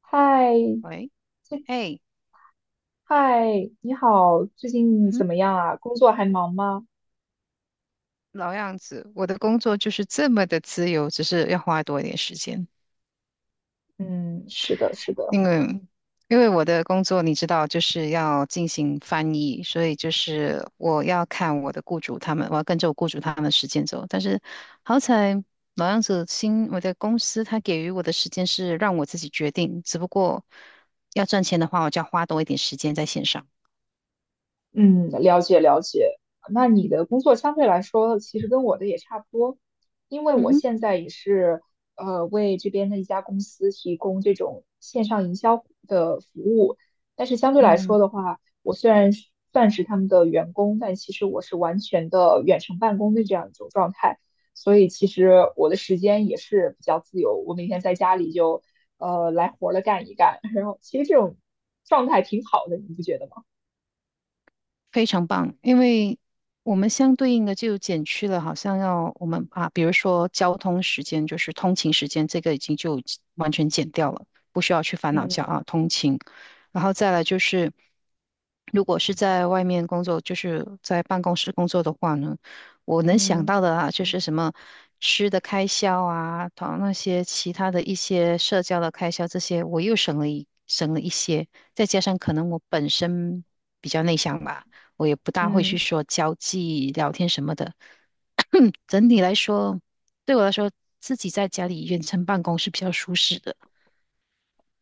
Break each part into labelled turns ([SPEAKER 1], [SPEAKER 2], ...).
[SPEAKER 1] 嗨，
[SPEAKER 2] 喂。
[SPEAKER 1] 这
[SPEAKER 2] 哎。
[SPEAKER 1] 嗨，你好，最
[SPEAKER 2] 嗯
[SPEAKER 1] 近怎
[SPEAKER 2] 哼。
[SPEAKER 1] 么样啊？工作还忙吗？
[SPEAKER 2] 老样子，我的工作就是这么的自由，只是要花多一点时间，
[SPEAKER 1] 嗯，是的，是的。
[SPEAKER 2] 因为因为我的工作你知道，就是要进行翻译，所以就是我要看我的雇主他们，我要跟着我雇主他们的时间走。但是好彩老样子新我的公司他给予我的时间是让我自己决定，只不过要赚钱的话，我就要花多一点时间在线上。
[SPEAKER 1] 嗯，了解了解。那你的工作相对来说，其实跟我的也差不多，因为
[SPEAKER 2] 嗯
[SPEAKER 1] 我
[SPEAKER 2] 哼。
[SPEAKER 1] 现在也是为这边的一家公司提供这种线上营销的服务，但是相对来
[SPEAKER 2] 嗯。
[SPEAKER 1] 说的话，我虽然是算是他们的员工，但其实我是完全的远程办公的这样一种状态，所以其实我的时间也是比较自由，我每天在家里就来活了干一干，然后其实这种状态挺好的，你不觉得吗？
[SPEAKER 2] 非常棒，因为我们相对应的就减去了，好像要我们啊，比如说交通时间，就是通勤时间，这个已经就完全减掉了，不需要去烦恼交
[SPEAKER 1] 嗯。
[SPEAKER 2] 啊通勤。然后再来就是，如果是在外面工作，就是在办公室工作的话呢，我能想
[SPEAKER 1] 嗯
[SPEAKER 2] 到的啊，就是什么吃的开销啊，同那些其他的一些社交的开销，这些我又省了一些，再加上可能我本身比较内向吧。我也不大会去
[SPEAKER 1] 嗯，
[SPEAKER 2] 说交际聊天什么的。整体来说，对我来说，自己在家里远程办公是比较舒适的。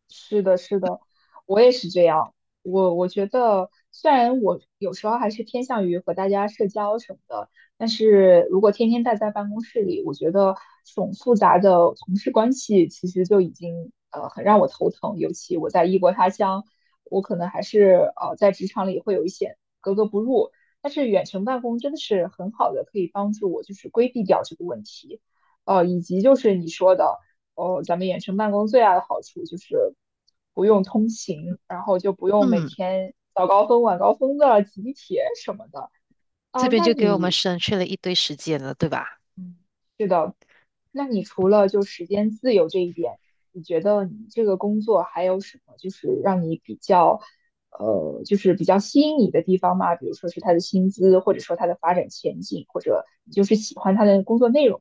[SPEAKER 1] 是的，是的，我也是这样。我觉得，虽然我有时候还是偏向于和大家社交什么的，但是如果天天待在办公室里，我觉得这种复杂的同事关系其实就已经很让我头疼。尤其我在异国他乡，我可能还是在职场里会有一些格格不入。但是远程办公真的是很好的，可以帮助我就是规避掉这个问题。以及就是你说的。哦，咱们远程办公最大的好处就是不用通勤，然后就不用每
[SPEAKER 2] 嗯，
[SPEAKER 1] 天早高峰、晚高峰的集铁什么的
[SPEAKER 2] 这
[SPEAKER 1] 啊。
[SPEAKER 2] 边就给我们省去了一堆时间了，对吧？
[SPEAKER 1] 嗯，那你除了就时间自由这一点，你觉得你这个工作还有什么就是让你比较，就是比较吸引你的地方吗？比如说是他的薪资，或者说他的发展前景，或者你就是喜欢他的工作内容？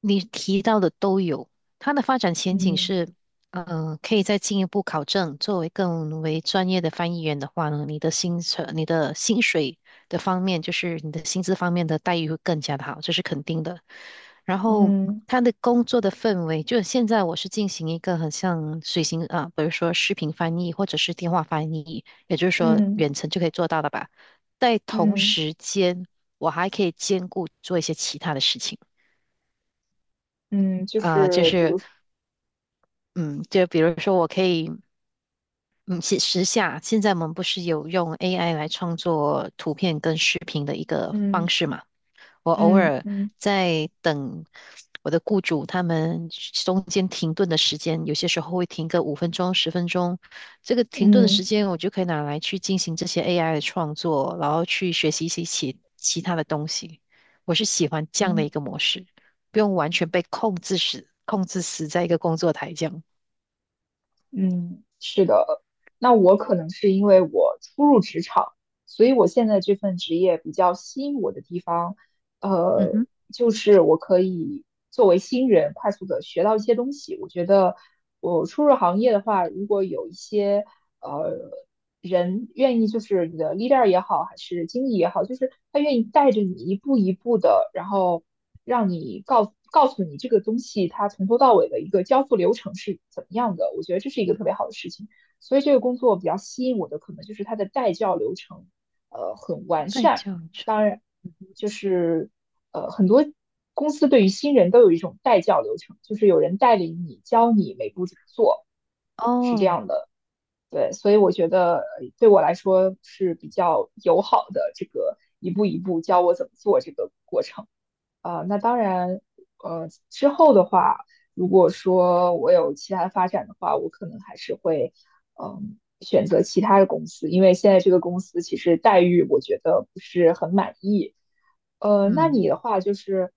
[SPEAKER 2] 你提到的都有，它的发展前景
[SPEAKER 1] 嗯
[SPEAKER 2] 是，可以再进一步考证。作为更为专业的翻译员的话呢，你的薪酬、你的薪水的方面，就是你的薪资方面的待遇会更加的好，这是肯定的。然后，
[SPEAKER 1] 嗯
[SPEAKER 2] 他的工作的氛围，就是现在我是进行一个很像随行啊，比如说视频翻译或者是电话翻译，也就是说
[SPEAKER 1] 嗯
[SPEAKER 2] 远程就可以做到的吧。在同
[SPEAKER 1] 嗯嗯
[SPEAKER 2] 时间，我还可以兼顾做一些其他的事情。
[SPEAKER 1] 嗯就
[SPEAKER 2] 呃，就
[SPEAKER 1] 是比
[SPEAKER 2] 是，
[SPEAKER 1] 如说
[SPEAKER 2] 嗯，就比如说，我可以，嗯，写时下，现在我们不是有用 AI 来创作图片跟视频的一个方
[SPEAKER 1] 嗯。
[SPEAKER 2] 式嘛？我偶
[SPEAKER 1] 嗯
[SPEAKER 2] 尔
[SPEAKER 1] 嗯
[SPEAKER 2] 在等我的雇主他们中间停顿的时间，有些时候会停个5分钟、10分钟。这个停顿的
[SPEAKER 1] 嗯
[SPEAKER 2] 时间，我就可以拿来去进行这些 AI 的创作，然后去学习一些其他的东西。我是喜欢这样的
[SPEAKER 1] 嗯
[SPEAKER 2] 一个模式，不用完全被控制死在一个工作台这样。
[SPEAKER 1] 嗯，是的。那我可能是因为我初入职场，所以我现在这份职业比较吸引我的地方，
[SPEAKER 2] 嗯
[SPEAKER 1] 呃，
[SPEAKER 2] 哼，
[SPEAKER 1] 就是我可以作为新人快速的学到一些东西。我觉得我初入行业的话，如果有一些呃人愿意就是你的 leader 也好，还是经理也好，就是他愿意带着你一步一步的，然后让你告诉你这个东西它从头到尾的一个交付流程是怎么样的。我觉得这是一个特别好的事情，所以这个工作比较吸引我的可能就是它的带教流程，很完
[SPEAKER 2] 被
[SPEAKER 1] 善。
[SPEAKER 2] 这样子。
[SPEAKER 1] 当然，就是很多。公司对于新人都有一种带教流程，就是有人带领你，教你每步怎么做。是这
[SPEAKER 2] 哦，
[SPEAKER 1] 样的。对，所以我觉得对我来说是比较友好的这个一步一步教我怎么做这个过程。那当然，之后的话，如果说我有其他发展的话，我可能还是会，嗯，选择其他的公司，因为现在这个公司其实待遇我觉得不是很满意。那
[SPEAKER 2] 嗯
[SPEAKER 1] 你的话就是，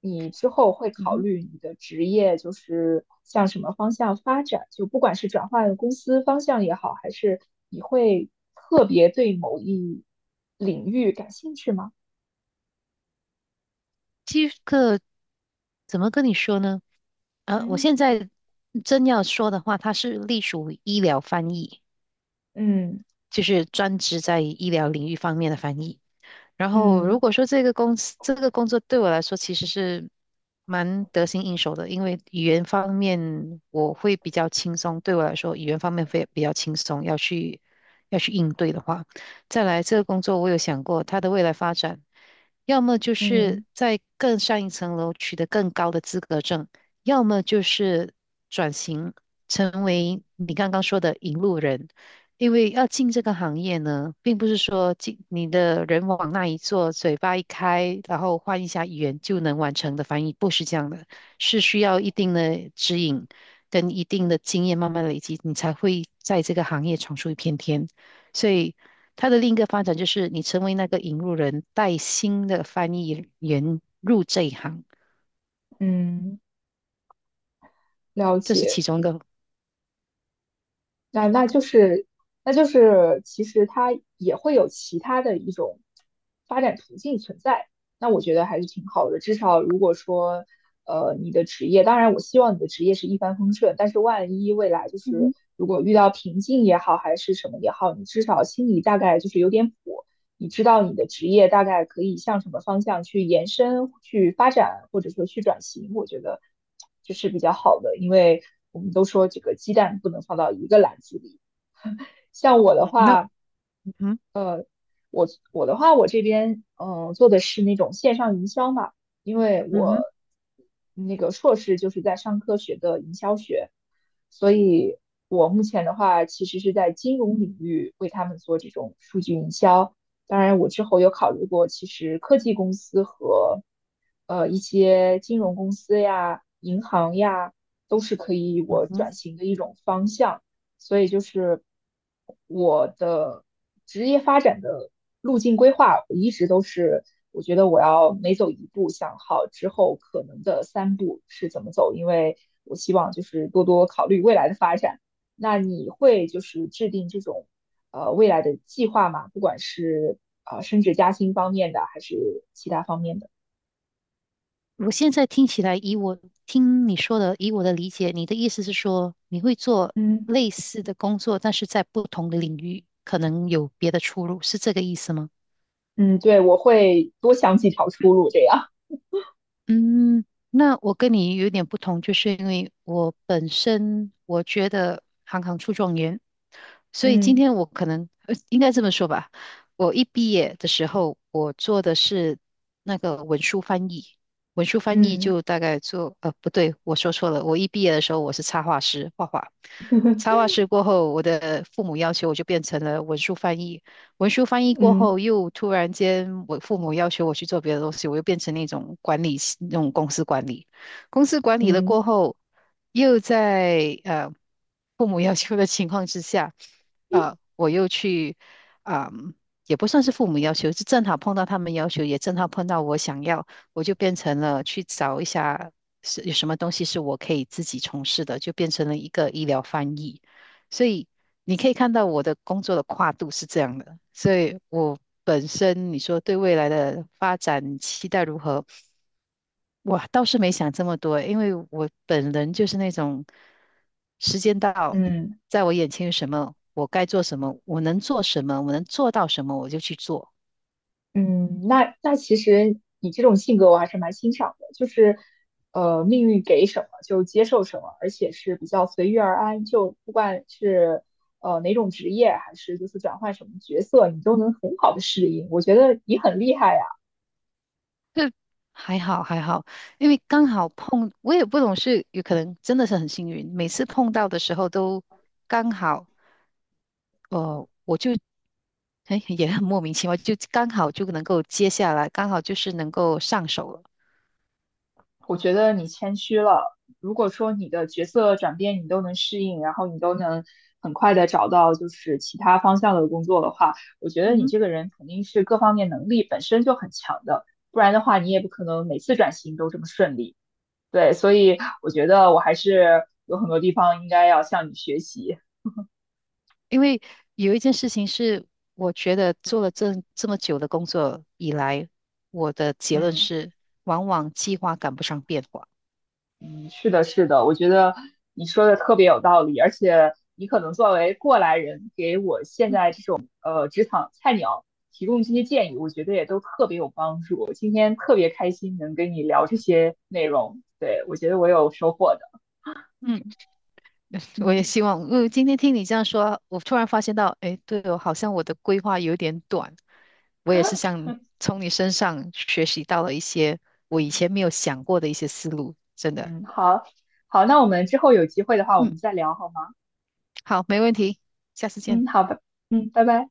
[SPEAKER 1] 你之后会
[SPEAKER 2] 嗯
[SPEAKER 1] 考
[SPEAKER 2] 哼，
[SPEAKER 1] 虑你的职业就是向什么方向发展，就不管是转换公司方向也好，还是你会特别对某一领域感兴趣吗？
[SPEAKER 2] 这个怎么跟你说呢？啊，我
[SPEAKER 1] 嗯
[SPEAKER 2] 现在真要说的话，它是隶属于医疗翻译，
[SPEAKER 1] 嗯
[SPEAKER 2] 就是专职在医疗领域方面的翻译。然后如
[SPEAKER 1] 嗯。
[SPEAKER 2] 果说这个公司这个工作对我来说其实是蛮得心应手的，因为语言方面我会比较轻松，对我来说语言方面会比较轻松，要去应对的话，再来这个工作我有想过它的未来发展，要么就是
[SPEAKER 1] 嗯
[SPEAKER 2] 在更上一层楼取得更高的资格证，要么就是转型成为你刚刚说的引路人。因为要进这个行业呢，并不是说进你的人往那一坐，嘴巴一开，然后换一下语言就能完成的翻译，不是这样的，是需要一定的指引跟一定的经验慢慢累积，你才会在这个行业闯出一片天。所以，它的另一个发展就是你成为那个引路人，带新的翻译员入这一行，
[SPEAKER 1] 嗯，了
[SPEAKER 2] 这是其
[SPEAKER 1] 解。
[SPEAKER 2] 中一个。
[SPEAKER 1] 那那就是，那就是，其实它也会有其他的一种发展途径存在。那我觉得还是挺好的。至少如果说，你的职业，当然我希望你的职业是一帆风顺，但是万一未来就
[SPEAKER 2] 嗯
[SPEAKER 1] 是
[SPEAKER 2] 哼。
[SPEAKER 1] 如果遇到瓶颈也好，还是什么也好，你至少心里大概就是有点谱。你知道你的职业大概可以向什么方向去延伸、去发展，或者说去转型，我觉得这是比较好的，因为我们都说这个鸡蛋不能放到一个篮子里。像我的
[SPEAKER 2] 嗯那。
[SPEAKER 1] 话，
[SPEAKER 2] 嗯哼。
[SPEAKER 1] 我我的话，我这边做的是那种线上营销嘛，因为
[SPEAKER 2] 嗯
[SPEAKER 1] 我
[SPEAKER 2] 哼。
[SPEAKER 1] 那个硕士就是在商科学的营销学，所以我目前的话其实是在金融领域为他们做这种数据营销。当然，我之后有考虑过，其实科技公司和一些金融公司呀、银行呀，都是可以
[SPEAKER 2] 嗯
[SPEAKER 1] 我
[SPEAKER 2] 哼。
[SPEAKER 1] 转型的一种方向。所以就是我的职业发展的路径规划，我一直都是，我觉得我要每走一步想好之后可能的三步是怎么走，因为我希望就是多多考虑未来的发展。那你会就是制定这种未来的计划吗？不管是升职加薪方面的，还是其他方面的？
[SPEAKER 2] 我现在听起来，以我听你说的，以我的理解，你的意思是说，你会做
[SPEAKER 1] 嗯
[SPEAKER 2] 类似的工作，但是在不同的领域，可能有别的出路，是这个意思吗？
[SPEAKER 1] 嗯，对，我会多想几条出路这样。
[SPEAKER 2] 嗯，那我跟你有点不同，就是因为我本身我觉得行行出状元，所以今
[SPEAKER 1] 嗯
[SPEAKER 2] 天我可能应该这么说吧，我一毕业的时候，我做的是那个文书翻译，文书翻译
[SPEAKER 1] 嗯
[SPEAKER 2] 就大概做不对，我说错了，我一毕业的时候我是插画师，画画，插 画师过后，我的父母要求我就变成了文书翻译。文书翻译过
[SPEAKER 1] 嗯
[SPEAKER 2] 后，又突然间我父母要求我去做别的东西，我又变成那种管理系那种公司管理，公司管理了
[SPEAKER 1] 嗯。
[SPEAKER 2] 过后，又在父母要求的情况之下，我又去，嗯、也不算是父母要求，是正好碰到他们要求，也正好碰到我想要，我就变成了去找一下是有什么东西是我可以自己从事的，就变成了一个医疗翻译，所以。你可以看到我的工作的跨度是这样的，所以我本身你说对未来的发展期待如何，我倒是没想这么多，因为我本人就是那种时间到，
[SPEAKER 1] 嗯。
[SPEAKER 2] 在我眼前有什么，我该做什么，我能做什么，我能做到什么，我就去做。
[SPEAKER 1] 嗯，那其实你这种性格我还是蛮欣赏的，就是命运给什么就接受什么，而且是比较随遇而安，就不管是哪种职业，还是就是转换什么角色，你都能很好的适应。我觉得你很厉害呀，
[SPEAKER 2] 就还好还好，因为刚好碰，我也不懂是有可能真的是很幸运，每次碰到的时候都刚好。呃，我就哎也很莫名其妙，就刚好就能够接下来，刚好就是能够上手了。
[SPEAKER 1] 我觉得你谦虚了。如果说你的角色转变你都能适应，然后你都能很快的找到就是其他方向的工作的话，我觉得
[SPEAKER 2] 嗯
[SPEAKER 1] 你
[SPEAKER 2] 哼，
[SPEAKER 1] 这个人肯定是各方面能力本身就很强的，不然的话你也不可能每次转型都这么顺利。对，所以我觉得我还是有很多地方应该要向你学习。
[SPEAKER 2] 因为有一件事情是，我觉得做了这么久的工作以来，我的结论
[SPEAKER 1] 嗯。
[SPEAKER 2] 是，往往计划赶不上变化。
[SPEAKER 1] 嗯，是的，是的，我觉得你说的特别有道理，而且你可能作为过来人，给我现
[SPEAKER 2] 嗯
[SPEAKER 1] 在这种职场菜鸟提供这些建议，我觉得也都特别有帮助。今天特别开心能跟你聊这些内容，对，我觉得我有收获的。
[SPEAKER 2] 嗯我也
[SPEAKER 1] 嗯
[SPEAKER 2] 希望，今天听你这样说，我突然发现到，哎，对哦，好像我的规划有点短。我也是像从你身上学习到了一些我以
[SPEAKER 1] 嗯
[SPEAKER 2] 前没有想过的一些思路，真的。
[SPEAKER 1] 嗯，好好，那我们之后有机会的话，我
[SPEAKER 2] 嗯。
[SPEAKER 1] 们再聊好吗？
[SPEAKER 2] 好，没问题，下次见。
[SPEAKER 1] 嗯，好吧，嗯，拜拜。